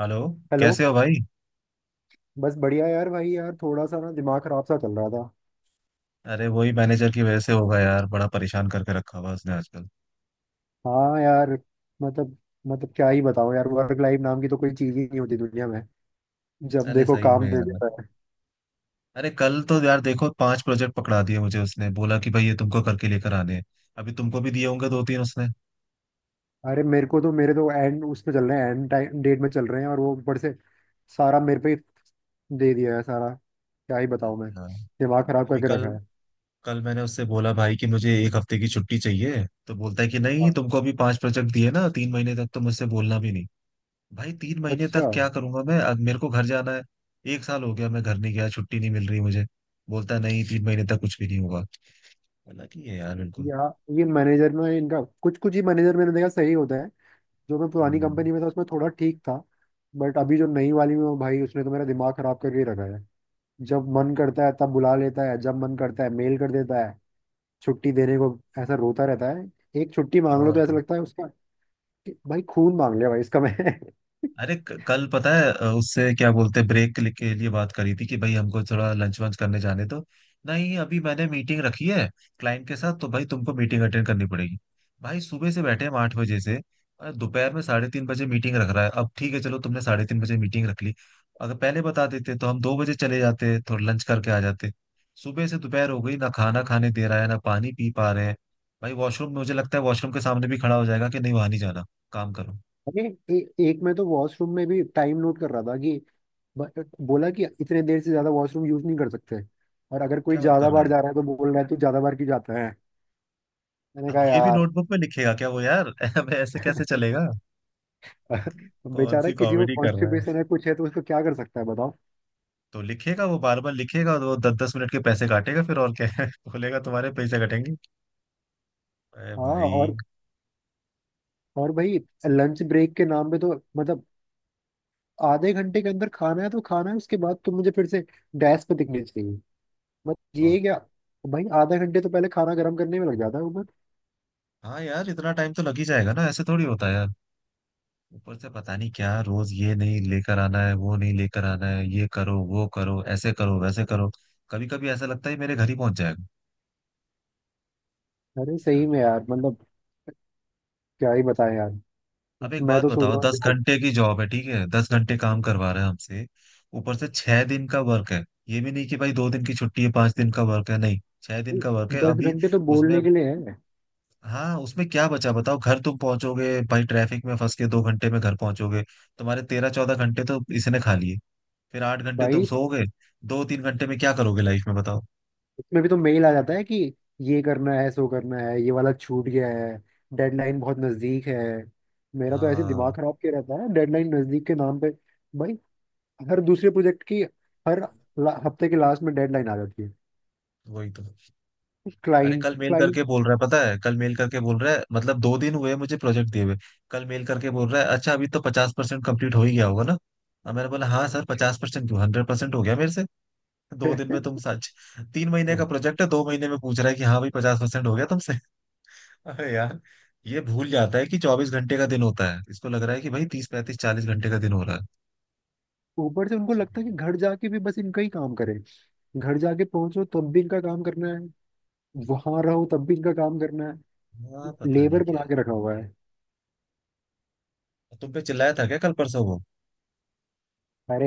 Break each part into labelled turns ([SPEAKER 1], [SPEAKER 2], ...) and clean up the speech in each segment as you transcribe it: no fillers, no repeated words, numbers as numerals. [SPEAKER 1] Hello.
[SPEAKER 2] Hello.
[SPEAKER 1] कैसे हो भाई।
[SPEAKER 2] बस बढ़िया यार। भाई यार थोड़ा सा ना दिमाग खराब सा चल रहा था।
[SPEAKER 1] अरे वही मैनेजर की वजह से होगा यार, बड़ा परेशान करके रखा हुआ है उसने आजकल।
[SPEAKER 2] हाँ यार। मतलब मतलब क्या ही बताऊँ यार। वर्क लाइफ नाम की तो कोई चीज ही नहीं होती दुनिया में। जब
[SPEAKER 1] अरे
[SPEAKER 2] देखो
[SPEAKER 1] सही में
[SPEAKER 2] काम दे
[SPEAKER 1] यार।
[SPEAKER 2] देता है।
[SPEAKER 1] अरे कल तो यार देखो पांच प्रोजेक्ट पकड़ा दिए मुझे उसने बोला कि भाई ये तुमको करके लेकर आने हैं। अभी तुमको भी दिए होंगे दो तीन उसने।
[SPEAKER 2] अरे मेरे तो एंड उसमें चल रहे हैं एंड टाइम डेट में चल रहे हैं और वो ऊपर से सारा मेरे पे ही दे दिया है सारा। क्या ही बताऊँ मैं।
[SPEAKER 1] हाँ।
[SPEAKER 2] दिमाग खराब
[SPEAKER 1] अभी
[SPEAKER 2] करके
[SPEAKER 1] कल
[SPEAKER 2] रखा है।
[SPEAKER 1] कल मैंने उससे बोला भाई कि मुझे एक हफ्ते की छुट्टी चाहिए तो बोलता है कि नहीं
[SPEAKER 2] हाँ।
[SPEAKER 1] तुमको अभी पांच प्रोजेक्ट दिए ना 3 महीने तक तो मुझसे बोलना भी नहीं। भाई 3 महीने
[SPEAKER 2] अच्छा।
[SPEAKER 1] तक क्या करूंगा मैं, अब मेरे को घर जाना है। एक साल हो गया मैं घर नहीं गया, छुट्टी नहीं मिल रही मुझे। बोलता है नहीं 3 महीने तक कुछ भी नहीं होगा। लगी है यार बिल्कुल।
[SPEAKER 2] या ये मैनेजर में इनका कुछ कुछ ही मैनेजर मैंने देखा सही होता है। जो मैं पुरानी
[SPEAKER 1] हम्म,
[SPEAKER 2] कंपनी में था उसमें थोड़ा ठीक था। बट अभी जो नई वाली में हूँ भाई उसने तो मेरा दिमाग खराब करके ही रखा है। जब मन करता है तब बुला लेता है। जब मन करता है मेल कर देता है। छुट्टी देने को ऐसा रोता रहता है। एक छुट्टी मांग लो तो
[SPEAKER 1] और
[SPEAKER 2] ऐसा
[SPEAKER 1] क्या।
[SPEAKER 2] लगता है उसका कि भाई खून मांग लिया भाई इसका मैं।
[SPEAKER 1] अरे कल पता है उससे क्या बोलते हैं ब्रेक के लिए बात करी थी कि भाई हमको थोड़ा लंच वंच करने जाने दो। नहीं अभी मैंने मीटिंग रखी है क्लाइंट के साथ तो भाई तुमको मीटिंग अटेंड करनी पड़ेगी। भाई सुबह से बैठे हम 8 बजे से। और दोपहर में 3:30 बजे मीटिंग रख रहा है। अब ठीक है चलो तुमने 3:30 बजे मीटिंग रख ली। अगर पहले बता देते तो हम 2 बजे चले जाते, थोड़ा लंच करके आ जाते। सुबह से दोपहर हो गई, ना खाना खाने दे रहा है ना पानी पी पा रहे हैं। भाई वॉशरूम, मुझे लगता है वॉशरूम के सामने भी खड़ा हो जाएगा कि नहीं वहां नहीं जाना, काम करो।
[SPEAKER 2] अरे एक मैं तो वॉशरूम में भी टाइम नोट कर रहा था कि बोला कि इतने देर से ज्यादा वॉशरूम यूज नहीं कर सकते। और अगर कोई
[SPEAKER 1] क्या बात
[SPEAKER 2] ज्यादा
[SPEAKER 1] कर रहा
[SPEAKER 2] बार
[SPEAKER 1] है।
[SPEAKER 2] जा रहा है तो बोल रहा है तू ज्यादा बार क्यों जाता है। मैंने
[SPEAKER 1] अब
[SPEAKER 2] कहा
[SPEAKER 1] ये भी
[SPEAKER 2] यार।
[SPEAKER 1] नोटबुक में लिखेगा क्या वो यार। अब ऐसे कैसे चलेगा। कौन
[SPEAKER 2] बेचारा
[SPEAKER 1] सी
[SPEAKER 2] किसी को
[SPEAKER 1] कॉमेडी कर रहा है।
[SPEAKER 2] कॉन्स्टिपेशन है कुछ है तो उसको क्या कर सकता है बताओ।
[SPEAKER 1] तो लिखेगा वो, बार बार लिखेगा और वो दस दस मिनट के पैसे काटेगा फिर, और क्या है। बोलेगा तुम्हारे पैसे कटेंगे। अरे
[SPEAKER 2] हाँ।
[SPEAKER 1] भाई।
[SPEAKER 2] और भाई लंच ब्रेक के नाम पे तो मतलब आधे घंटे के अंदर खाना है तो खाना है। उसके बाद तुम मुझे फिर से डैश पे दिखनी चाहिए। बस ये
[SPEAKER 1] वाह।
[SPEAKER 2] क्या। भाई आधा घंटे तो पहले खाना गर्म करने में लग जाता है ऊपर।
[SPEAKER 1] हाँ यार इतना टाइम तो लग ही जाएगा ना, ऐसे थोड़ी होता है यार। ऊपर से पता नहीं क्या रोज, ये नहीं लेकर आना है वो नहीं लेकर आना है, ये करो वो करो ऐसे करो वैसे करो। कभी कभी ऐसा लगता है मेरे घर ही पहुंच जाएगा।
[SPEAKER 2] अरे
[SPEAKER 1] क्या।
[SPEAKER 2] सही में यार मतलब क्या ही बताएं यार।
[SPEAKER 1] अब एक
[SPEAKER 2] मतलब मैं
[SPEAKER 1] बात
[SPEAKER 2] तो सोच
[SPEAKER 1] बताओ,
[SPEAKER 2] रहा हूँ
[SPEAKER 1] दस
[SPEAKER 2] जॉब।
[SPEAKER 1] घंटे की जॉब है ठीक है, 10 घंटे काम करवा रहे हैं हमसे। ऊपर से 6 दिन का वर्क है। ये भी नहीं कि भाई 2 दिन की छुट्टी है 5 दिन का वर्क है, नहीं 6 दिन का वर्क है
[SPEAKER 2] दस
[SPEAKER 1] अभी।
[SPEAKER 2] घंटे तो
[SPEAKER 1] उसमें।
[SPEAKER 2] बोलने के लिए है।
[SPEAKER 1] हाँ उसमें क्या बचा बताओ, घर तुम पहुंचोगे भाई ट्रैफिक में फंस के 2 घंटे में घर पहुंचोगे। तुम्हारे 13-14 घंटे तो इसने खा लिए। फिर 8 घंटे तुम
[SPEAKER 2] भाई
[SPEAKER 1] सोओगे। 2-3 घंटे में क्या करोगे लाइफ में बताओ।
[SPEAKER 2] उसमें भी तो मेल आ जाता है कि ये करना है सो करना है ये वाला छूट गया है। डेडलाइन बहुत नजदीक है। मेरा तो ऐसे
[SPEAKER 1] हाँ।
[SPEAKER 2] दिमाग खराब किया रहता है डेडलाइन नजदीक के नाम पे। भाई हर दूसरे प्रोजेक्ट की हर हफ्ते के लास्ट में डेडलाइन आ जाती है।
[SPEAKER 1] वही तो। अरे
[SPEAKER 2] क्लाइंट
[SPEAKER 1] कल मेल
[SPEAKER 2] क्लाइंट।
[SPEAKER 1] करके बोल रहा है, पता है, कल मेल करके बोल रहा है, मतलब 2 दिन हुए मुझे प्रोजेक्ट दिए हुए। कल मेल करके बोल रहा है अच्छा अभी तो 50% कम्प्लीट हो ही गया होगा ना। अब मैंने बोला हाँ सर 50% क्यों, 100% हो गया मेरे से। 2 दिन में तुम सच। तीन महीने का प्रोजेक्ट है, 2 महीने में पूछ रहा है कि हाँ भाई 50% हो गया तुमसे। अरे यार। ये भूल जाता है कि 24 घंटे का दिन होता है, इसको लग रहा है कि भाई 30-35-40 घंटे का दिन हो रहा
[SPEAKER 2] ऊपर से उनको लगता
[SPEAKER 1] है।
[SPEAKER 2] है कि घर जाके भी बस इनका ही काम करें। घर जाके पहुंचो तब भी इनका काम करना है। वहां रहो तब भी इनका काम करना है।
[SPEAKER 1] हाँ पता नहीं
[SPEAKER 2] लेबर
[SPEAKER 1] क्या
[SPEAKER 2] बना के रखा हुआ है।
[SPEAKER 1] है। तुम पे चिल्लाया था क्या कल परसों वो।
[SPEAKER 2] अरे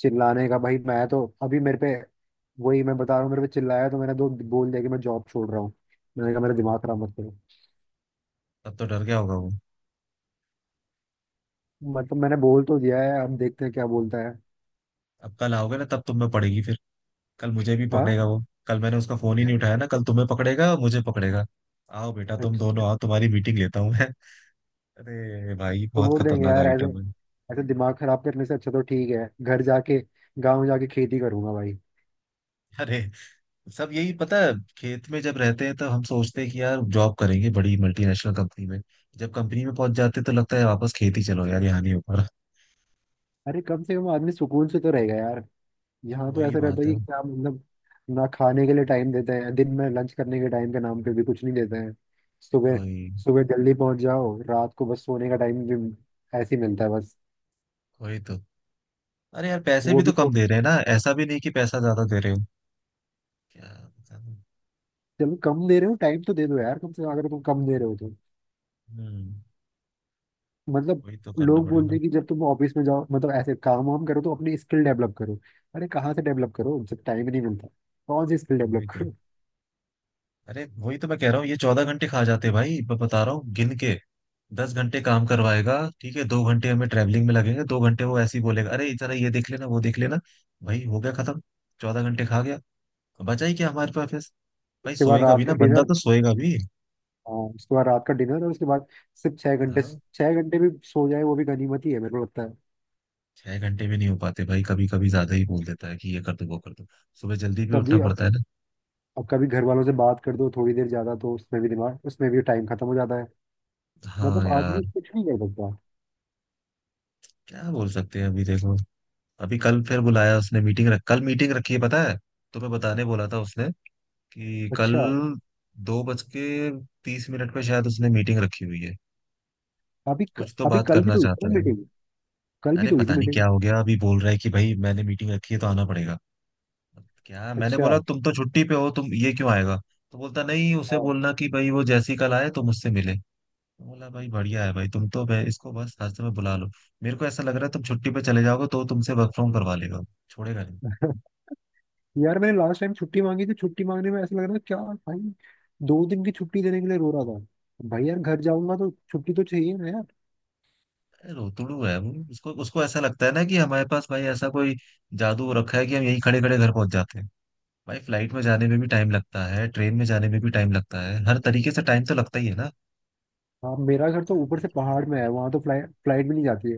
[SPEAKER 2] चिल्लाने का भाई। मैं तो अभी मेरे पे वही मैं बता रहा हूँ। मेरे पे चिल्लाया तो मैंने दो बोल दिया कि मैं जॉब छोड़ रहा हूँ। मैंने कहा मेरा दिमाग खराब मत करो।
[SPEAKER 1] तब तो डर गया होगा वो।
[SPEAKER 2] मतलब मैंने बोल तो दिया है अब देखते हैं क्या बोलता है।
[SPEAKER 1] अब कल आओगे ना तब तुम में पड़ेगी फिर। कल मुझे भी
[SPEAKER 2] हाँ।
[SPEAKER 1] पकड़ेगा वो, कल मैंने उसका फोन ही नहीं उठाया ना, कल तुम्हें पकड़ेगा मुझे पकड़ेगा। आओ बेटा तुम
[SPEAKER 2] अच्छा।
[SPEAKER 1] दोनों आओ, तुम्हारी मीटिंग लेता हूँ मैं। अरे भाई बहुत
[SPEAKER 2] छोड़ देंगे
[SPEAKER 1] खतरनाक
[SPEAKER 2] यार ऐसे।
[SPEAKER 1] आइटम है।
[SPEAKER 2] ऐसे दिमाग खराब करने से अच्छा तो ठीक है घर जाके गांव जाके खेती करूंगा भाई।
[SPEAKER 1] अरे सब यही पता है। खेत में जब रहते हैं तो हम सोचते हैं कि यार जॉब करेंगे बड़ी मल्टीनेशनल कंपनी में। जब कंपनी में पहुंच जाते हैं तो लगता है वापस खेती, चलो यार यहाँ नहीं ऊपर।
[SPEAKER 2] अरे कम से कम आदमी सुकून से तो रहेगा यार। यहाँ तो
[SPEAKER 1] वही
[SPEAKER 2] ऐसा रहता
[SPEAKER 1] बात
[SPEAKER 2] है
[SPEAKER 1] है।
[SPEAKER 2] कि क्या मतलब। ना खाने के लिए टाइम देते हैं दिन में लंच करने के टाइम के नाम पे भी कुछ नहीं देते हैं। सुबह
[SPEAKER 1] वही।
[SPEAKER 2] सुबह जल्दी पहुंच जाओ रात को बस सोने का टाइम भी ऐसे ही मिलता है बस।
[SPEAKER 1] वही तो। अरे यार पैसे भी
[SPEAKER 2] वो भी
[SPEAKER 1] तो कम
[SPEAKER 2] तो।
[SPEAKER 1] दे रहे हैं ना, ऐसा भी नहीं कि पैसा ज्यादा दे रहे हो। क्या। बताऊं।
[SPEAKER 2] चलो कम दे रहे हो टाइम तो दे दो यार कम से कम अगर तुम कम दे रहे हो तो।
[SPEAKER 1] हम्म।
[SPEAKER 2] मतलब
[SPEAKER 1] वही तो करना
[SPEAKER 2] लोग बोलते
[SPEAKER 1] पड़ेगा।
[SPEAKER 2] हैं कि जब तुम ऑफिस में जाओ मतलब ऐसे काम वाम करो तो अपनी स्किल डेवलप करो। अरे कहाँ से डेवलप करो जब टाइम ही नहीं मिलता। कौन सी स्किल
[SPEAKER 1] वही
[SPEAKER 2] डेवलप
[SPEAKER 1] तो।
[SPEAKER 2] करो।
[SPEAKER 1] अरे वही तो मैं कह रहा हूँ ये 14 घंटे खा जाते, भाई मैं बता रहा हूँ गिन के। 10 घंटे काम करवाएगा ठीक है, 2 घंटे हमें ट्रैवलिंग में लगेंगे, 2 घंटे वो ऐसे ही बोलेगा अरे जरा ये देख लेना वो देख लेना। भाई हो गया खत्म। 14 घंटे खा गया। बचा ही क्या हमारे पास फिर? भाई
[SPEAKER 2] उसके बाद
[SPEAKER 1] सोएगा
[SPEAKER 2] रात
[SPEAKER 1] भी
[SPEAKER 2] का
[SPEAKER 1] ना बंदा
[SPEAKER 2] डिनर।
[SPEAKER 1] तो सोएगा भी।
[SPEAKER 2] हाँ उसके बाद रात का डिनर और उसके बाद सिर्फ 6 घंटे।
[SPEAKER 1] हाँ।
[SPEAKER 2] 6 घंटे भी सो जाए वो भी गनीमत ही है मेरे को लगता है।
[SPEAKER 1] 6 घंटे भी नहीं हो पाते भाई कभी कभी, ज्यादा ही बोल देता है कि ये कर दो वो कर दो। सुबह जल्दी भी
[SPEAKER 2] कभी
[SPEAKER 1] उठना
[SPEAKER 2] अब।
[SPEAKER 1] पड़ता है ना।
[SPEAKER 2] कभी घर वालों से बात कर दो थोड़ी देर ज्यादा तो उसमें भी टाइम खत्म हो जाता है। मतलब
[SPEAKER 1] हाँ यार।
[SPEAKER 2] आदमी कुछ नहीं कर सकता।
[SPEAKER 1] क्या बोल सकते हैं अभी देखो। अभी कल फिर बुलाया उसने मीटिंग रख, कल मीटिंग रखी है पता है। तुम्हें बताने बोला था उसने कि कल
[SPEAKER 2] अच्छा।
[SPEAKER 1] 2:30 पे शायद उसने मीटिंग रखी हुई है।
[SPEAKER 2] अभी क-
[SPEAKER 1] कुछ तो
[SPEAKER 2] अभी
[SPEAKER 1] बात
[SPEAKER 2] कल भी
[SPEAKER 1] करना
[SPEAKER 2] तो हुई थी
[SPEAKER 1] चाहता
[SPEAKER 2] ना
[SPEAKER 1] है।
[SPEAKER 2] मीटिंग। कल भी
[SPEAKER 1] अरे
[SPEAKER 2] तो हुई थी
[SPEAKER 1] पता नहीं
[SPEAKER 2] मीटिंग।
[SPEAKER 1] क्या हो गया, अभी बोल रहा है कि भाई मैंने मीटिंग रखी है तो आना पड़ेगा। क्या मैंने
[SPEAKER 2] अच्छा।
[SPEAKER 1] बोला तुम तो छुट्टी पे हो, तुम ये क्यों आएगा। तो बोलता नहीं, उसे
[SPEAKER 2] हाँ।
[SPEAKER 1] बोलना कि भाई वो जैसी कल आए तो मुझसे मिले। मैं बोला भाई बढ़िया है भाई, तुम तो भाई इसको बस रास्ते में बुला लो। मेरे को ऐसा लग रहा है तुम छुट्टी पे चले जाओगे तो तुमसे वर्क फ्रॉम करवा लेगा, छोड़ेगा।
[SPEAKER 2] यार मैंने लास्ट टाइम छुट्टी मांगी थी। छुट्टी मांगने में ऐसा लग रहा था क्या भाई। 2 दिन की छुट्टी देने के लिए रो रहा था भाई। यार घर जाऊंगा तो छुट्टी तो चाहिए ना।
[SPEAKER 1] रोतड़ू है वो, उसको उसको ऐसा लगता है ना कि हमारे पास भाई ऐसा कोई जादू रखा है कि हम यहीं खड़े खड़े घर पहुंच जाते हैं। भाई फ्लाइट में जाने में भी टाइम लगता है, ट्रेन में जाने में भी टाइम लगता है, हर तरीके से टाइम तो लगता ही है ना।
[SPEAKER 2] हाँ मेरा घर तो ऊपर से पहाड़ में है। वहाँ तो फ्लाइट फ्लाइट भी नहीं जाती है।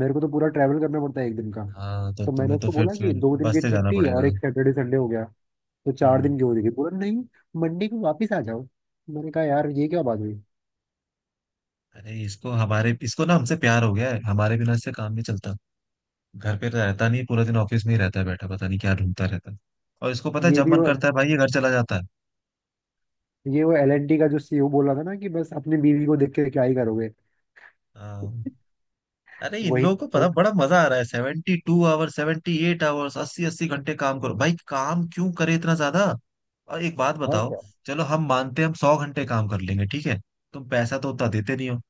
[SPEAKER 2] मेरे को तो पूरा ट्रैवल करना पड़ता है एक दिन का।
[SPEAKER 1] हाँ तो
[SPEAKER 2] तो मैंने
[SPEAKER 1] तुम्हें तो
[SPEAKER 2] उसको
[SPEAKER 1] फिर
[SPEAKER 2] बोला कि
[SPEAKER 1] फिर
[SPEAKER 2] 2 दिन
[SPEAKER 1] बस
[SPEAKER 2] की
[SPEAKER 1] से जाना
[SPEAKER 2] छुट्टी और
[SPEAKER 1] पड़ेगा।
[SPEAKER 2] एक सैटरडे संडे हो गया। तो चार
[SPEAKER 1] हम्म।
[SPEAKER 2] दिन की हो जाएगी बोला नहीं। मंडे को वापस आ जाओ। मैंने कहा यार ये क्या बात हुई।
[SPEAKER 1] अरे इसको हमारे इसको ना हमसे प्यार हो गया है, हमारे बिना इससे काम नहीं चलता। घर पे तो रहता नहीं, पूरा दिन ऑफिस में ही रहता है बैठा, पता नहीं क्या ढूंढता रहता है। और इसको पता है
[SPEAKER 2] ये
[SPEAKER 1] जब
[SPEAKER 2] भी
[SPEAKER 1] मन
[SPEAKER 2] वो
[SPEAKER 1] करता है भाई ये घर चला जाता है।
[SPEAKER 2] ये वो L&T का जो CEO बोल रहा था ना कि बस अपनी बीवी को देख के क्या ही करोगे।
[SPEAKER 1] हाँ। अरे इन
[SPEAKER 2] वही।
[SPEAKER 1] लोगों को पता बड़ा मजा आ रहा है, 72 आवर्स 78 आवर्स 80-80 घंटे काम करो भाई, काम क्यों करे इतना ज्यादा। और एक बात
[SPEAKER 2] और
[SPEAKER 1] बताओ।
[SPEAKER 2] क्या।
[SPEAKER 1] चलो हम मानते हैं हम 100 घंटे काम कर लेंगे ठीक है। तुम पैसा तो उतना देते नहीं हो।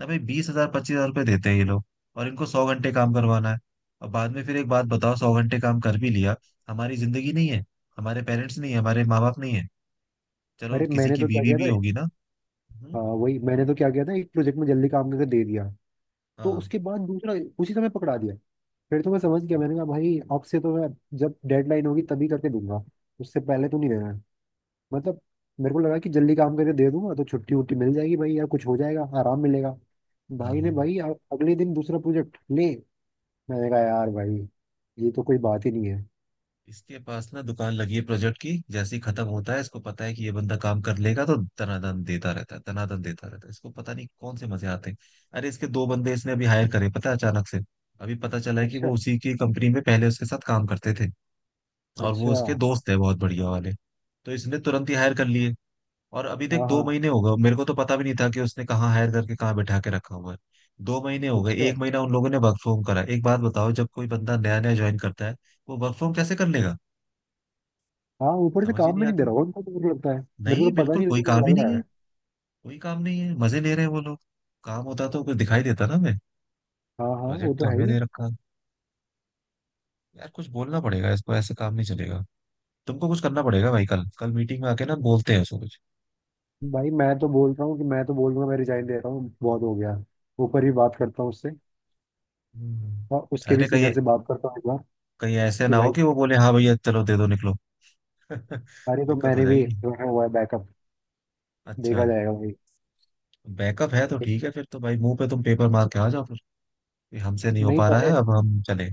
[SPEAKER 1] ना भाई 20,000 25,000 रुपये देते हैं ये लोग। और इनको 100 घंटे काम करवाना है। और बाद में फिर एक बात बताओ 100 घंटे काम कर भी लिया। हमारी जिंदगी नहीं है। हमारे पेरेंट्स नहीं है हमारे माँ बाप नहीं है। चलो
[SPEAKER 2] अरे
[SPEAKER 1] किसी
[SPEAKER 2] मैंने
[SPEAKER 1] की
[SPEAKER 2] तो क्या
[SPEAKER 1] बीवी
[SPEAKER 2] किया
[SPEAKER 1] भी
[SPEAKER 2] था।
[SPEAKER 1] होगी ना। हम्म,
[SPEAKER 2] हाँ वही मैंने तो क्या किया था। एक प्रोजेक्ट में जल्दी काम करके दे दिया। तो
[SPEAKER 1] हाँ,
[SPEAKER 2] उसके बाद दूसरा उसी समय पकड़ा दिया। फिर तो मैं समझ गया। मैंने कहा भाई अब से तो मैं जब डेडलाइन होगी तभी करके दूंगा। उससे पहले तो नहीं देना है। मतलब मेरे को लगा कि जल्दी काम करके दे दूंगा तो छुट्टी उट्टी मिल जाएगी भाई या कुछ हो जाएगा आराम मिलेगा।
[SPEAKER 1] हाँ,
[SPEAKER 2] भाई ने
[SPEAKER 1] हाँ।
[SPEAKER 2] भाई अगले दिन दूसरा प्रोजेक्ट ले। मैंने कहा यार भाई ये तो कोई बात ही नहीं है।
[SPEAKER 1] इसके पास ना दुकान लगी है प्रोजेक्ट की, जैसे ही खत्म होता है इसको पता है कि ये बंदा काम कर लेगा तो तनादन देता रहता है तनादन देता रहता है, इसको पता नहीं कौन से मजे आते हैं। अरे इसके दो बंदे इसने अभी हायर करे पता है अचानक से। अभी पता चला है कि
[SPEAKER 2] अच्छा।
[SPEAKER 1] वो उसी की कंपनी में पहले उसके साथ काम करते थे। और वो
[SPEAKER 2] अच्छा।
[SPEAKER 1] उसके दोस्त है बहुत बढ़िया वाले। तो इसने तुरंत ही हायर कर लिए। और अभी तक
[SPEAKER 2] हाँ
[SPEAKER 1] दो
[SPEAKER 2] हाँ।
[SPEAKER 1] महीने हो गए, मेरे को तो पता भी नहीं था कि उसने कहाँ हायर करके कहाँ बैठा के रखा हुआ है। 2 महीने हो गए,
[SPEAKER 2] अच्छा।
[SPEAKER 1] एक महीना उन लोगों ने वर्क फ्रॉम करा। एक बात बताओ जब कोई बंदा नया नया ज्वाइन करता है वो वर्क फ्रॉम कैसे कर लेगा।
[SPEAKER 2] हाँ। ऊपर से
[SPEAKER 1] समझ ही
[SPEAKER 2] काम
[SPEAKER 1] नहीं
[SPEAKER 2] भी नहीं दे
[SPEAKER 1] आता।
[SPEAKER 2] रहा होगा उनको तो मेरे को लगता है। मेरे को
[SPEAKER 1] नहीं
[SPEAKER 2] तो पता
[SPEAKER 1] बिल्कुल
[SPEAKER 2] नहीं लगा।
[SPEAKER 1] कोई
[SPEAKER 2] मेरे को
[SPEAKER 1] काम
[SPEAKER 2] तो
[SPEAKER 1] ही
[SPEAKER 2] लग
[SPEAKER 1] नहीं
[SPEAKER 2] रहा
[SPEAKER 1] है।
[SPEAKER 2] है।
[SPEAKER 1] कोई काम नहीं है मजे ले रहे हैं वो लोग। काम होता तो कुछ दिखाई देता ना हमें।
[SPEAKER 2] हाँ हाँ, वो
[SPEAKER 1] प्रोजेक्ट
[SPEAKER 2] तो
[SPEAKER 1] तो
[SPEAKER 2] है
[SPEAKER 1] हमें
[SPEAKER 2] ही।
[SPEAKER 1] दे रखा है। यार कुछ बोलना पड़ेगा इसको, ऐसे काम नहीं चलेगा। तुमको कुछ करना पड़ेगा भाई, कल कल मीटिंग में आके ना बोलते हैं उसको कुछ।
[SPEAKER 2] भाई मैं तो बोल रहा हूँ मैं रिजाइन दे रहा हूँ बहुत हो गया। ऊपर भी बात करता हूँ उससे।
[SPEAKER 1] हम्म।
[SPEAKER 2] और उसके भी
[SPEAKER 1] अरे कहीं
[SPEAKER 2] सीनियर से बात करता हूँ एक बार।
[SPEAKER 1] कहीं ऐसे
[SPEAKER 2] कि
[SPEAKER 1] ना हो
[SPEAKER 2] भाई।
[SPEAKER 1] कि वो बोले हाँ भैया चलो दे दो निकलो।
[SPEAKER 2] अरे तो
[SPEAKER 1] दिक्कत हो
[SPEAKER 2] मैंने भी
[SPEAKER 1] जाएगी।
[SPEAKER 2] रखा हुआ है बैकअप।
[SPEAKER 1] अच्छा।
[SPEAKER 2] देखा जाएगा भाई।
[SPEAKER 1] बैकअप है तो ठीक है, फिर तो भाई मुंह पे तुम पेपर मार के आ जाओ फिर कि हमसे नहीं हो
[SPEAKER 2] नहीं
[SPEAKER 1] पा रहा
[SPEAKER 2] पहले।
[SPEAKER 1] है अब हम चले।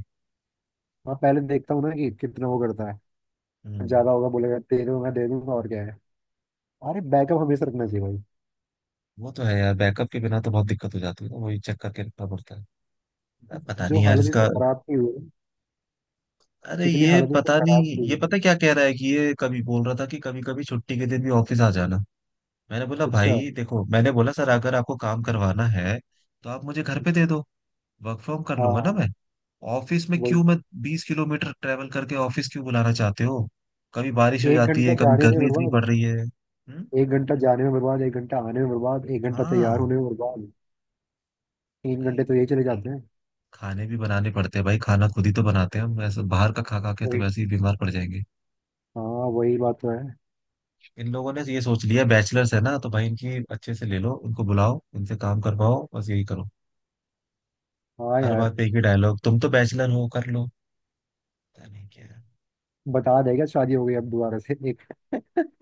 [SPEAKER 2] हाँ पहले देखता हूँ ना कि कितना वो करता है।
[SPEAKER 1] हम्म।
[SPEAKER 2] ज्यादा होगा बोलेगा दे दूंगा और क्या है। अरे बैकअप हमेशा रखना चाहिए भाई।
[SPEAKER 1] वो तो है यार, बैकअप के बिना तो बहुत दिक्कत हो जाती है ना, वही चेक करके रखना पड़ता है। अब पता
[SPEAKER 2] जो
[SPEAKER 1] नहीं यार
[SPEAKER 2] हालत इसमें
[SPEAKER 1] इसका।
[SPEAKER 2] खराब की हुई है।
[SPEAKER 1] अरे
[SPEAKER 2] जितनी
[SPEAKER 1] ये
[SPEAKER 2] हालत इसमें
[SPEAKER 1] पता
[SPEAKER 2] खराब
[SPEAKER 1] नहीं
[SPEAKER 2] की हुई
[SPEAKER 1] ये
[SPEAKER 2] है।
[SPEAKER 1] पता क्या कह रहा है कि ये कभी बोल रहा था कि कभी कभी छुट्टी के दिन भी ऑफिस आ जाना। मैंने बोला
[SPEAKER 2] अच्छा।
[SPEAKER 1] भाई देखो, मैंने बोला सर अगर आपको काम करवाना है तो आप मुझे घर पे दे दो, वर्क फ्रॉम कर
[SPEAKER 2] हाँ
[SPEAKER 1] लूंगा ना
[SPEAKER 2] हाँ।
[SPEAKER 1] मैं। ऑफिस में
[SPEAKER 2] वही।
[SPEAKER 1] क्यों मैं 20 किलोमीटर ट्रेवल करके ऑफिस क्यों बुलाना चाहते हो। कभी बारिश हो
[SPEAKER 2] एक
[SPEAKER 1] जाती
[SPEAKER 2] घंटा
[SPEAKER 1] है कभी
[SPEAKER 2] जाने में
[SPEAKER 1] गर्मी इतनी
[SPEAKER 2] बर्बाद
[SPEAKER 1] पड़ रही है हम्म।
[SPEAKER 2] एक घंटा जाने में बर्बाद एक घंटा आने में बर्बाद एक घंटा तैयार
[SPEAKER 1] हाँ।
[SPEAKER 2] होने में बर्बाद। तीन
[SPEAKER 1] भाई
[SPEAKER 2] घंटे तो यही चले जाते हैं।
[SPEAKER 1] खाने भी बनाने पड़ते हैं भाई, खाना खुद ही तो बनाते हैं हम, ऐसे बाहर का खा खा के तो
[SPEAKER 2] वही।
[SPEAKER 1] वैसे ही बीमार पड़ जाएंगे।
[SPEAKER 2] हाँ। वही बात तो है।
[SPEAKER 1] इन लोगों ने ये सोच लिया बैचलर्स है ना, तो भाई इनकी अच्छे से ले लो इनको बुलाओ इनसे काम करवाओ बस यही करो।
[SPEAKER 2] हाँ
[SPEAKER 1] हर
[SPEAKER 2] यार।
[SPEAKER 1] बात पे एक ही डायलॉग, तुम तो बैचलर हो कर लो। पता नहीं क्या।
[SPEAKER 2] बता देगा शादी हो गई अब दोबारा से एक।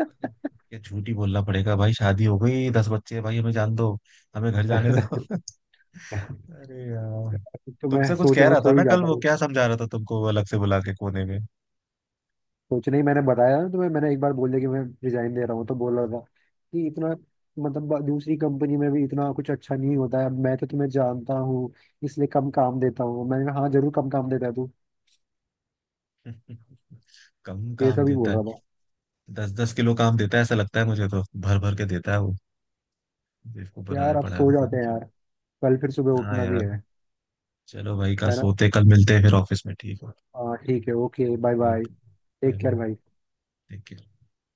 [SPEAKER 1] मतलब। ये झूठ ही बोलना पड़ेगा भाई, शादी हो गई 10 बच्चे हैं, भाई हमें जान दो हमें घर जाने दो। अरे यार।
[SPEAKER 2] तो मैं
[SPEAKER 1] तुमसे कुछ
[SPEAKER 2] सोच
[SPEAKER 1] कह
[SPEAKER 2] रहा हूँ
[SPEAKER 1] रहा था
[SPEAKER 2] सो ही
[SPEAKER 1] ना कल,
[SPEAKER 2] जाता
[SPEAKER 1] वो
[SPEAKER 2] हूँ।
[SPEAKER 1] क्या समझा रहा था तुमको वो अलग से बुला के कोने में।
[SPEAKER 2] सोचने ही मैंने बताया ना तुम्हें। मैंने एक बार बोल दिया कि मैं रिजाइन दे रहा हूँ तो बोल रहा था कि इतना मतलब दूसरी कंपनी में भी इतना कुछ अच्छा नहीं होता है। अब मैं तो तुम्हें जानता हूँ इसलिए कम काम देता हूँ। मैंने कहा हाँ जरूर कम काम देता है तू।
[SPEAKER 1] कम
[SPEAKER 2] ये
[SPEAKER 1] काम
[SPEAKER 2] सब ही बोल
[SPEAKER 1] देता है।
[SPEAKER 2] रहा था।
[SPEAKER 1] दस दस किलो काम देता है ऐसा लगता है मुझे, तो भर भर के देता है वो। बेवकूफ बना
[SPEAKER 2] यार अब
[SPEAKER 1] पड़ा है
[SPEAKER 2] सो
[SPEAKER 1] पता
[SPEAKER 2] जाते
[SPEAKER 1] नहीं
[SPEAKER 2] हैं
[SPEAKER 1] क्यों।
[SPEAKER 2] यार। कल फिर सुबह
[SPEAKER 1] हाँ
[SPEAKER 2] उठना भी
[SPEAKER 1] यार।
[SPEAKER 2] है।
[SPEAKER 1] चलो भाई का
[SPEAKER 2] है ना।
[SPEAKER 1] सोते कल मिलते हैं फिर ऑफिस में ठीक है।
[SPEAKER 2] हाँ ठीक है। Okay bye bye.
[SPEAKER 1] Okay.
[SPEAKER 2] Take
[SPEAKER 1] bye
[SPEAKER 2] care
[SPEAKER 1] ma'am.
[SPEAKER 2] भाई।
[SPEAKER 1] Take care.